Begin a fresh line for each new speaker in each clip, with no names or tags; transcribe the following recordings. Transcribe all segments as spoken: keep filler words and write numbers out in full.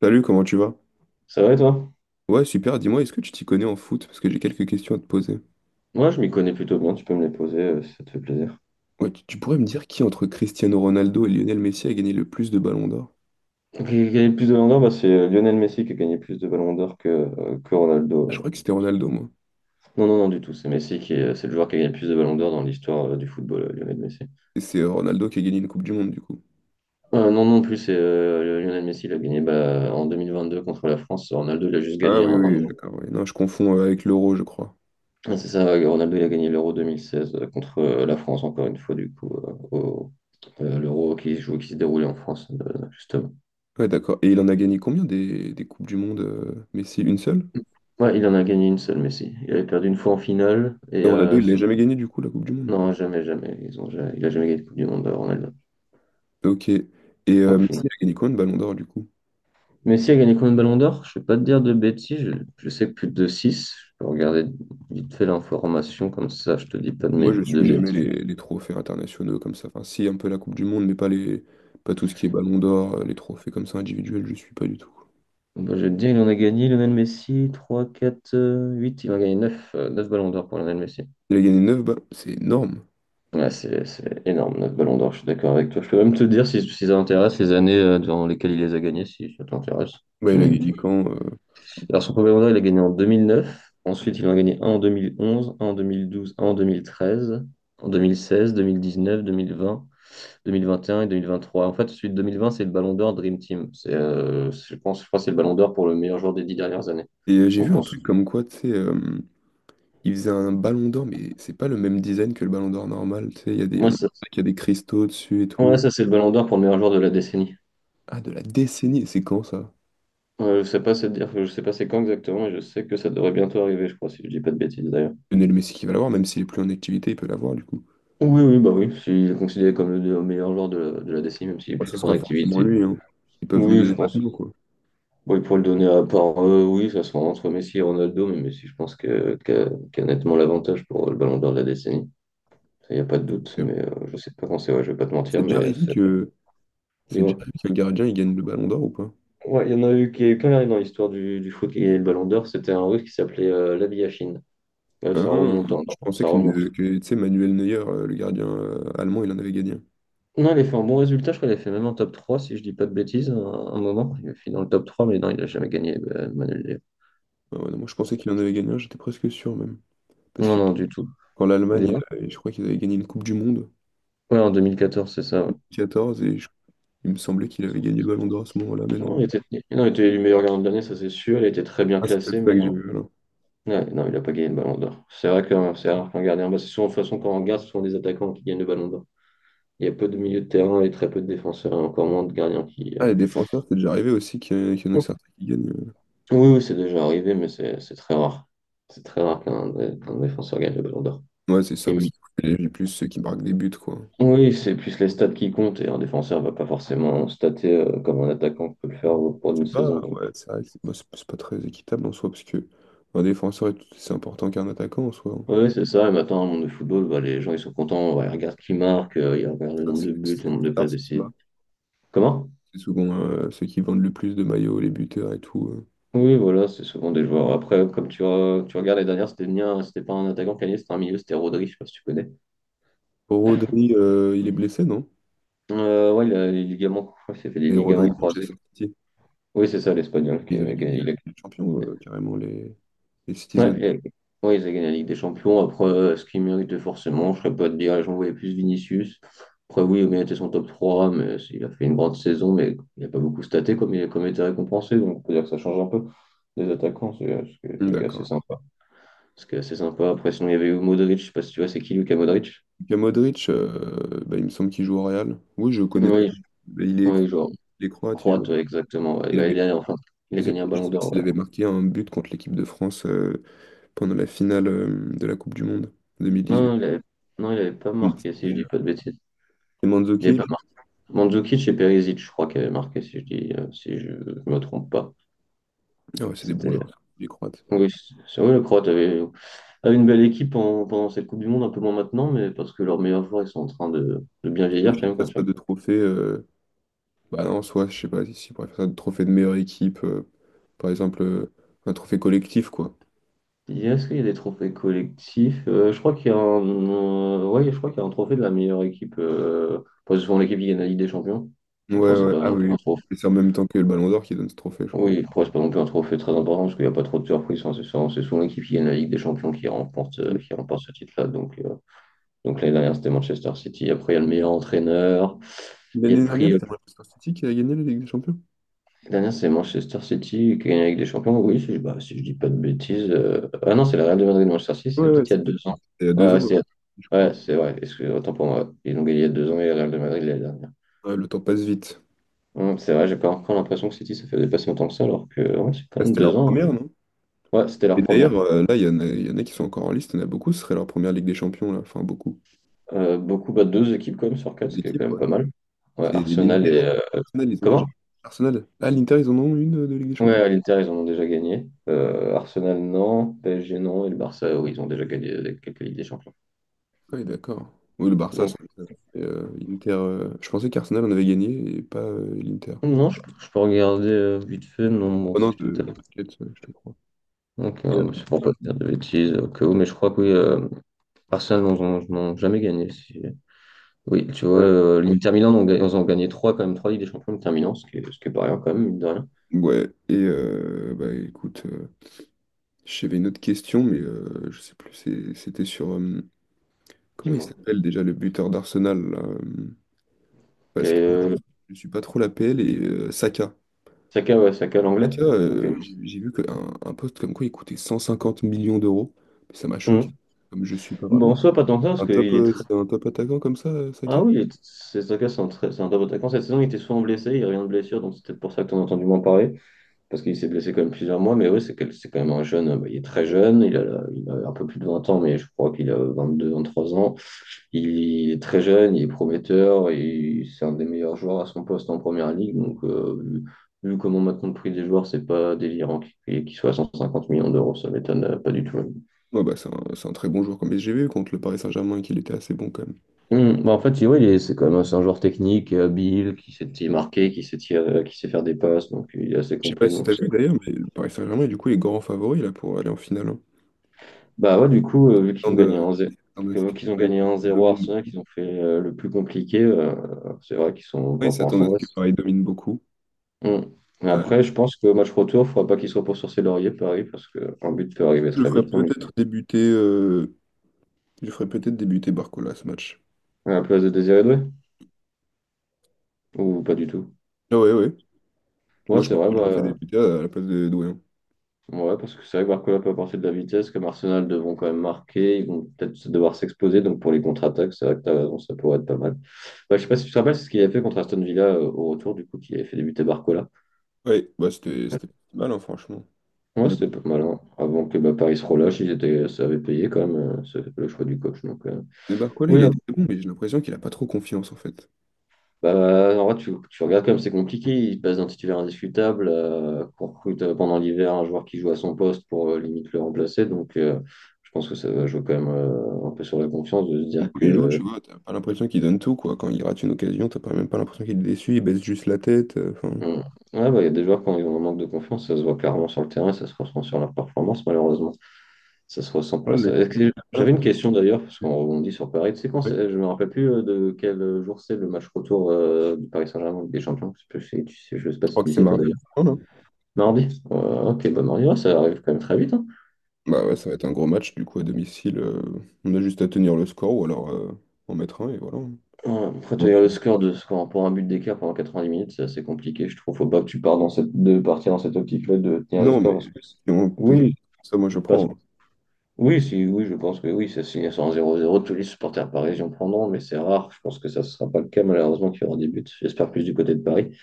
Salut, comment tu vas?
Ça va et toi?
Ouais, super, dis-moi, est-ce que tu t'y connais en foot? Parce que j'ai quelques questions à te poser.
Moi, je m'y connais plutôt bien. Tu peux me les poser euh, si ça te fait plaisir.
Ouais, tu, tu pourrais me dire qui entre Cristiano Ronaldo et Lionel Messi a gagné le plus de ballons d'or?
Qui a gagné le plus de ballons d'or? Bah, c'est euh, Lionel Messi qui a gagné plus de ballons d'or que, euh, que
Ah, je crois
Ronaldo.
que c'était Ronaldo, moi.
Non, non, non, du tout. C'est Messi qui est, c'est le joueur qui a gagné le plus de ballons d'or dans l'histoire euh, du football, euh, Lionel Messi.
Et c'est euh, Ronaldo qui a gagné une Coupe du Monde, du coup.
Euh, non, non plus. C'est euh, Lionel Messi. Il a gagné bah, en deux mille vingt-deux contre la France. Ronaldo, il a juste
Ah
gagné
oui,
un, un
oui,
euro.
d'accord, ouais. Non, je confonds euh, avec l'Euro, je crois.
Ah, c'est ça, ouais, Ronaldo, il a gagné l'Euro deux mille seize euh, contre euh, la France, encore une fois, du coup, euh, au- euh, l'Euro qui se joue, qui se déroulait en France, euh, justement.
Ouais, d'accord. Et il en a gagné combien des, des Coupes du Monde, euh, Messi? Une seule?
Ouais, il en a gagné une seule, Messi. Il avait perdu une fois en finale. Et
Et Ronaldo,
euh,
il l'a
si-
jamais gagné, du coup, la Coupe du Monde.
non, jamais, jamais. Ils ont jamais- Il a jamais gagné de Coupe du Monde, euh, Ronaldo.
Ok. Et euh,
Aucune.
Messi a gagné combien de ballons d'or, du coup?
Messi a gagné combien de ballons d'or? Je ne vais pas te dire de bêtises. Je, je sais que plus de six. Je vais regarder vite fait l'information, comme ça, je te dis pas de,
Moi,
mé-
je
de
suis jamais
bêtises.
les, les trophées internationaux comme ça. Enfin, si, un peu la Coupe du Monde, mais pas les, pas tout ce qui est Ballon d'Or, euh, les trophées comme ça individuels, je suis pas du tout.
Bon, bah, je vais te dire, il en a gagné, Lionel Messi, trois, quatre, euh, huit. Il en a gagné neuf ballons d'or pour Lionel Messi.
Il a gagné neuf, balles, c'est énorme.
Ouais, c'est c'est énorme, neuf ballons d'or, je suis d'accord avec toi. Je peux même te dire si, si ça t'intéresse les années euh, dans lesquelles il les a gagnés, si ça t'intéresse.
Ouais,
Tu
il a
me,
gagné quand euh,
Alors, son premier Mondial, il a gagné en deux mille neuf. Ensuite, il en a gagné un en deux mille onze, un en deux mille douze, un en deux mille treize, en deux mille seize, deux mille dix-neuf, deux mille vingt, deux mille vingt et un et deux mille vingt-trois. En fait, celui de deux mille vingt, c'est le Ballon d'Or Dream Team. C'est, euh, je pense, je crois que c'est le Ballon d'Or pour le meilleur joueur des dix dernières années.
Et euh, j'ai vu
Donc, on
un truc
s-
comme quoi, tu sais, euh, il faisait un Ballon d'Or, mais c'est pas le même design que le Ballon d'Or normal. Tu sais, il y a des,
ouais,
on-
ça,
il y a des cristaux dessus et
ouais,
tout.
ça, c'est le Ballon d'Or pour le meilleur joueur de la décennie.
Ah, de la décennie, c'est quand ça?
Euh, je sais pas, c'est dire, je sais pas c'est quand exactement, et je sais que ça devrait bientôt arriver, je crois, si je dis pas de bêtises d'ailleurs.
Lionel Messi qui va l'avoir, même s'il est plus en activité, il peut l'avoir du coup.
Oui, oui, bah oui, il est considéré comme le meilleur joueur de la, de la décennie, même s'il est
Moi,
plus
ce
trop en
sera forcément
activité.
lui, hein. Ils peuvent lui
Oui, je
donner
pense.
maintenant, quoi.
Oui, pour le donner à part, euh, oui, ça sera entre Messi et Ronaldo, mais Messi, je pense que, qu'a, qu'a nettement l'avantage pour le ballon d'or de la décennie. Il n'y a pas de doute, mais euh, je sais pas quand c'est, ouais, je vais pas te
C'est
mentir,
déjà
mais
arrivé
c'est-
que C'est déjà
dis-moi.
lui que le gardien, il gagne le ballon d'or ou pas?
Ouais, il y en a eu qui est quand même dans l'histoire du, du foot qui a gagné le ballon d'or, c'était un russe qui s'appelait euh, Labiachine. Euh, ça
Hein,
remonte, hein, non,
je pensais
ça
que,
remonte.
que, tu sais, Manuel Neuer, euh, le gardien euh, allemand, il en avait gagné un.
Non, il a fait un bon résultat, je crois qu'il a fait même un top trois, si je dis pas de bêtises, un, un moment. Il a fini dans le top trois, mais non, il a jamais gagné, euh, Manuel Neuer.
Ah ouais, non, moi, je pensais qu'il en avait gagné un, j'étais presque sûr même. Parce
Non,
que
non, du tout.
quand l'Allemagne,
Dis-moi.
euh, je crois qu'ils avaient gagné une Coupe du Monde,
Ouais, en deux mille quatorze, c'est ça. Ouais.
quatorze, et je- il me semblait qu'il avait gagné le ballon d'or à ce moment-là, mais
Non,
non.
il était, non, il était élu meilleur gardien de l'année, ça c'est sûr. Il était très bien
Ah, c'est peut-être
classé,
ça
mais
que j'ai
non.
vu, alors.
Ouais, non, il n'a pas gagné le ballon d'or. C'est vrai que euh, c'est rare qu'un gardien. Bah, c'est souvent, de toute façon, quand on regarde, ce sont des attaquants qui gagnent le ballon d'or. Il y a peu de milieux de terrain et très peu de défenseurs, et encore moins de gardiens qui. euh,
Ah, les défenseurs, c'est déjà arrivé aussi qu'il y, en- a qu'il y en a certains qui gagnent. euh.
Oui, oui, c'est déjà arrivé, mais c'est c'est très rare. C'est très rare qu'un dé- qu'un défenseur gagne le ballon d'or.
Ouais, c'est ça,
Et
parce
oui,
qu'il y a plus ceux qui marquent des buts, quoi.
oui, c'est plus les stats qui comptent, et un défenseur ne va pas forcément stater euh, comme un attaquant peut le faire au cours d'une
C'est pas,
saison.
ouais, c'est vrai que c'est moi, c'est- c'est pas très équitable en soi, parce que un défenseur, est- tout- c'est important qu'un attaquant en soi, hein.
Ouais, ouais, c'est ça. Et maintenant, dans le monde de football, bah, les gens ils sont contents. Ouais, ils regardent qui marque, euh, ils regardent le
Ça,
nombre
C'est
de buts,
c'est
le nombre de
bizarre,
passes
ce qui
décisives.
marque.
Comment?
C'est souvent euh, ceux qui vendent le plus de maillots, les buteurs et tout. euh.
Oui, voilà, c'est souvent des joueurs. Après, euh, comme tu, re- tu regardes les dernières, c'était ni un- c'était pas un attaquant qui a gagné, c'était un milieu, c'était Rodri, je sais pas si tu connais.
Oh, Rodri, euh, il est blessé, non?
Euh, ouais, il a les ligaments, il s'est fait des
Et Rodri
ligaments
de
croisés.
Manchester City.
Oui, c'est ça, l'Espagnol qui
Ils avaient
a
gagné
gagné.
la
Il a-
Ligue des Champions, euh, carrément, les, les
Ouais,
Citizens.
et- ouais, ils ont gagné la Ligue des Champions. Après, euh, est-ce qu'ils méritaient forcément? Je ne serais pas te dire, j'en voyais plus Vinicius. Après, oui, il méritait son top trois, mais il a fait une grande saison, mais il n'a pas beaucoup staté comme il, comme il était récompensé. Donc, on peut dire que ça change un peu des attaquants, c'est- euh, ce qui est
Hmm,
ce qui est assez
d'accord.
sympa. Ce qui est assez sympa. Après, sinon, il y avait eu Modric, je sais pas si tu vois, c'est qui Luka Modric?
Et Modric, euh, bah, il me semble qu'il joue au Real. Oui, je connais très
Oui,
bien. Mais Il est croate,
oui, genre,
il est croate, il joue.
croate, ouais, exactement. Ouais.
Il
Bah, il
avait,
a, enfin, il
je
a
sais, pas-
gagné un
je
ballon
sais pas
d'or.
s'il
Ouais.
avait marqué un but contre l'équipe de France euh, pendant la finale euh, de la Coupe du Monde deux mille dix-huit.
Non, il avait, non, il avait pas
Hmm,
marqué, si je
c'était
dis pas de bêtises.
euh,
Il avait pas
Mandzukic.
Mandzukic et Perisic, je crois, qui avaient marqué, si je dis, euh, si je ne me trompe pas.
Ah ouais, c'est des bons
C'était,
joueurs, ça, les Croates.
oui, c'est vrai, le Croate avait, avait une belle équipe en- pendant cette Coupe du Monde, un peu moins maintenant, mais parce que leurs meilleurs joueurs, ils sont en train de, de bien
Moi,
vieillir
je
quand
ne
même. Quand
passe
tu
pas
regardes.
de trophée. euh, Bah non, soit, je sais pas, si si on pourrait faire ça, de trophée de meilleure équipe, euh, par exemple, euh, un trophée collectif, quoi.
Il y a- Est-ce qu'il y a des trophées collectifs? Euh, je crois qu'il y a un, euh, ouais, je crois qu'il y a un trophée de la meilleure équipe. Euh, parce que souvent l'équipe qui gagne la Ligue des Champions.
Ouais,
Après, c'est
ouais,
pas
ah
non plus
oui,
un trophée.
et c'est en même temps que le Ballon d'Or qui donne ce trophée, je crois.
Oui, après, c'est pas non plus un trophée très important parce qu'il n'y a pas trop de surprises, hein. C'est souvent c'est souvent l'équipe qui gagne la Ligue des Champions qui remporte, euh, qui remporte ce titre-là. Donc, euh, Donc l'année dernière, c'était Manchester City. Après, il y a le meilleur entraîneur. Il y a le
L'année dernière,
prix. euh,
c'était Manchester City qui a gagné la Ligue des Champions.
L'année dernière, c'est Manchester City qui a gagné avec des champions. Oui, si je, bah, si je dis pas de bêtises. euh, Ah non, c'est la Real de Madrid de Manchester City,
Ouais,
c'est
ouais,
peut-être il y a
c'était
deux ans.
il y a
Ouais,
deux
ouais,
ans, ouais,
c'est
je crois.
ouais, c'est vrai. Excusez, autant pour moi. Ils ont gagné il y a deux ans et la Real de Madrid l'année dernière.
Ouais, le temps passe vite.
Hum, c'est vrai, j'ai pas encore l'impression que City ça fait dépasser autant que ça, alors que ouais, c'est quand
Ah,
même
c'était leur
deux ans, hein.
première, non?
Ouais, c'était leur
Et d'ailleurs,
première.
euh, là, il y en a, il y en a qui sont encore en liste, il y en a beaucoup, ce serait leur première Ligue des Champions, là. Enfin, beaucoup.
Euh, beaucoup, bah, deux équipes quand même sur quatre, ce qui est quand
L'équipe,
même
ouais.
pas mal. Ouais,
C'est
Arsenal
l'Inter,
et. euh,
Arsenal, ils ont déjà.
Comment?
Arsenal. Ah, l'Inter, ils en ont une euh, de Ligue des Champions.
Ouais, l'Inter, ils en ont déjà gagné. Euh, Arsenal, non. P S G, non. Et le Barça, oui, ils ont déjà gagné avec quelques Ligues des Champions.
Oui, d'accord. Oui, le Barça,
Donc,
ça. Et, euh, Inter, euh, je pensais qu'Arsenal en avait gagné et pas euh, l'Inter.
non, je, je peux regarder euh, vite fait. Non, moi
Oh
aussi,
non,
je te
euh,
tape.
t'inquiète, je te crois.
Donc,
Et,
euh,
euh,
mais c'est pour pas te dire de bêtises au cas où, mais je crois que oui, euh, Arsenal, ils n'ont ils n'ont jamais gagné. Si-. Oui, tu vois,
ouais.
euh, l'Inter Milan, on ga- ils ont gagné trois, quand même, trois Ligues des Champions, l'Inter Milan, ce qui est, ce qui est pas rien, quand même, mine de rien.
Ouais, et euh, bah écoute, euh, j'avais une autre question, mais euh, je sais plus, c'est- c'était sur. euh, Comment il
Dis-moi.
s'appelle déjà le buteur d'Arsenal là, euh,
Ok,
parce que
euh,
je suis pas trop la P L et euh, Saka.
Saka, ouais, Saka, l'anglais.
Saka,
Ok.
euh, j'ai j'ai vu qu'un un poste comme quoi il coûtait cent cinquante millions d'euros. Mais ça m'a
Mhm.
choqué. Comme je suis pas
Bon,
vraiment.
en soi, pas tant que ça, parce
Un top,
qu'il est,
euh,
tr-.
c'est un top attaquant comme ça, euh, Saka?
Ah oui, Sesaka, c'est un, très- c'est un très bon attaquant. Cette saison, il était souvent blessé, il n'y a revient de blessure, donc c'est peut-être pour ça que tu en as entendu moins parler, parce qu'il s'est blessé quand même plusieurs mois, mais oui, c'est quel- c'est quand même un jeune, euh, bah, il est très jeune, il a, la- il a un peu plus de vingt ans, mais je crois qu'il a vingt-deux, vingt-trois ans. Il, est très jeune, il est prometteur, et c'est un des meilleurs joueurs à son poste en première ligue, donc euh, vu, vu comment maintenant le prix des joueurs, c'est pas délirant qu'il qu'il soit à cent cinquante millions d'euros, ça m'étonne euh, pas du tout.
Ouais, bah, c'est un, c'est un très bon joueur comme S G V contre le Paris Saint-Germain qu'il était assez bon quand même.
Hmm, bah en fait, oui, il est- c'est quand même un c'est un joueur technique, et habile, qui sait t- marquer, qui sait tirer, qui sait faire des passes, donc il est assez
Je sais pas
complet.
si
Donc
t'as
c'est-.
vu d'ailleurs, mais le Paris Saint-Germain est du coup les grands favoris là pour aller en finale, hein.
Bah ouais, du coup,
Ils
euh, vu qu'ils
s'attendent
ont
euh,
gagné 1-0,
ils s'attendent à
que-
ce que
vu qu'ils ont
Paris
gagné un zéro à
domine.
Arsenal, qu'ils ont fait euh, le plus compliqué, euh, c'est vrai qu'ils sont
Ouais, ils
pas pour
s'attendent
l'instant.
à ce
Ouais.
que Paris domine beaucoup.
Hmm. Mais
Euh,
après, je pense que match retour, il faudra pas qu'ils se reposent sur ses lauriers, Paris, parce qu'un but peut arriver
je
très
ferais
vite, hein, mais
peut-être débuter euh, je ferais peut-être débuter Barcola à ce match.
à la place de Désiré Doué, ou pas du tout.
Ah ouais, ouais.
Ouais,
Moi je
c'est
pense
vrai,
que je le fais
bah,
débuter à la place de Doué, hein.
ouais, parce que c'est vrai que Barcola peut apporter de la vitesse, comme Arsenal devront quand même marquer, ils vont peut-être devoir s'exposer, donc pour les contre-attaques, c'est vrai que t'as raison, ça pourrait être pas mal. Bah, je sais pas si tu te rappelles, c'est ce qu'il avait fait contre Aston Villa euh, au retour, du coup, qui avait fait débuter Barcola.
Ouais, bah c'était c'était pas si mal, hein, franchement.
Ouais,
Mais
c'était pas mal, hein. Avant que bah, Paris se relâche, ils étaient, ça avait payé quand même, euh, ça avait fait le choix du coach. Donc, euh,
mais Barcola
oui,
il est très bon, mais j'ai l'impression qu'il a pas trop confiance en fait.
bah, en vrai, tu, tu regardes comme c'est compliqué. Il passe d'un titulaire indiscutable, euh, qu'on recrute euh, pendant l'hiver un joueur qui joue à son poste pour euh, limite le remplacer. Donc, euh, je pense que ça va jouer quand même euh, un peu sur la confiance de se dire
Danilo,
que.
tu vois, t'as pas l'impression qu'il donne tout, quoi. Quand il rate une occasion, t'as pas même pas l'impression qu'il est déçu, il baisse juste la tête. euh, enfin,
Hmm. Ouais, bah, il y a des joueurs quand ils ont un manque de confiance, ça se voit clairement sur le terrain, ça se ressent sur leur performance, malheureusement. Ça se ressent
ouais,
pas.
le- mec,
Ça. Est-ce que-
t'as pas
J'avais une
l'impression
question d'ailleurs, parce
qu'il est
qu'on rebondit sur Paris. Tu sais quand c'est-
déçu.
je me rappelle plus euh, de quel jour c'est le match retour euh, du Paris Saint-Germain en Ligue des Champions. Je sais, pas si tu sais je sais pas
Je
si
crois que
tu
c'est
sais, toi.
mardi. Non, non.
Mardi? Ouais, ok, bah mardi, ouais, ça arrive quand même très vite, hein.
Bah ouais, ça va être un gros match, du coup, à domicile, euh, on a juste à tenir le score ou alors euh, en mettre un et voilà.
Ouais, après,
On
tenir le
file.
score de score pour un but d'écart pendant quatre-vingt-dix minutes, c'est assez compliqué, je trouve. Faut pas que tu pars dans cette, de partir dans cette optique-là de tenir le
Non,
score
mais
parce que c'est-
si on peut-
oui,
ça, moi, je
parce-
prends.
oui, si, oui, je pense que oui, ça signe sur un zéro. 0 tous les supporters parisiens prendront, mais c'est rare. Je pense que ça ne sera pas le cas, malheureusement, qu'il y aura des buts. J'espère plus du côté de Paris,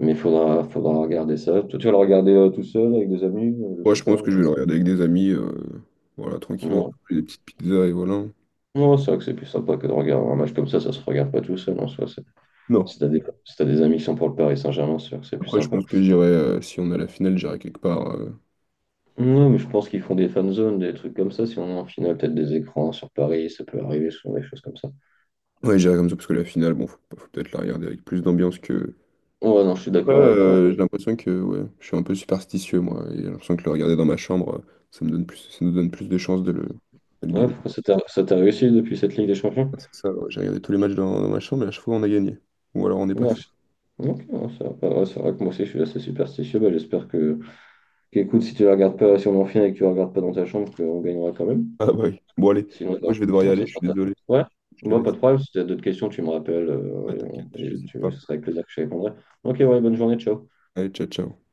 mais il faudra, faudra regarder ça. Toi, tu vas le regarder euh, tout seul avec des amis, euh, je
Moi,
sais
je
pas.
pense que je vais le regarder avec des amis, euh, voilà, tranquille, on va
Non,
manger des petites pizzas et voilà.
non, c'est vrai que c'est plus sympa que de regarder un match comme ça, ça se regarde pas tout seul en soi.
Non.
Si t'as des, si t'as des amis qui sont pour le Paris Saint-Germain, c'est sûr que c'est plus
Après, je
sympa.
pense que j'irai, euh, si on a la finale, j'irai quelque part. euh,
Non, mais je pense qu'ils font des fan zones, des trucs comme ça. Si on a en finale, peut-être des écrans sur Paris, ça peut arriver, souvent des choses comme ça.
Ouais, j'irai comme ça parce que la finale, bon, faut, faut peut-être la regarder avec plus d'ambiance que.
Ouais, non, je suis
Ouais,
d'accord avec toi.
euh, j'ai l'impression que ouais, je suis un peu superstitieux, moi. Et j'ai l'impression que le regarder dans ma chambre, euh, ça me donne plus, ça nous donne plus de chances de le, de le
Ouais,
gagner.
pourquoi ça t'a ça t'a réussi depuis cette Ligue des Champions?
Ouais, c'est ça, ouais, j'ai regardé tous les matchs dans, dans ma chambre et à chaque fois on a gagné. Ou alors on est
Ouais,
passé.
je- ok, non, ça va pas. Ouais, c'est vrai que moi aussi, je suis assez superstitieux. Bah, j'espère que, qu'écoute, si tu la regardes pas, si on est en finale et que tu la regardes pas dans ta chambre, qu'on gagnera quand même.
Ah bah oui. Bon allez,
Sinon,
moi
ça-
je vais devoir y
sinon ça
aller, je
sera
suis
ta faute.
désolé.
Ouais,
Je te
moi, pas
laisse.
de problème. Si tu as d'autres questions, tu me rappelles
Ouais,
euh, et,
t'inquiète,
on- et
j'hésite
tu,
pas.
ce serait avec plaisir que je te répondrai. Ok, ouais, bonne journée, ciao.
Allez, ciao, ciao.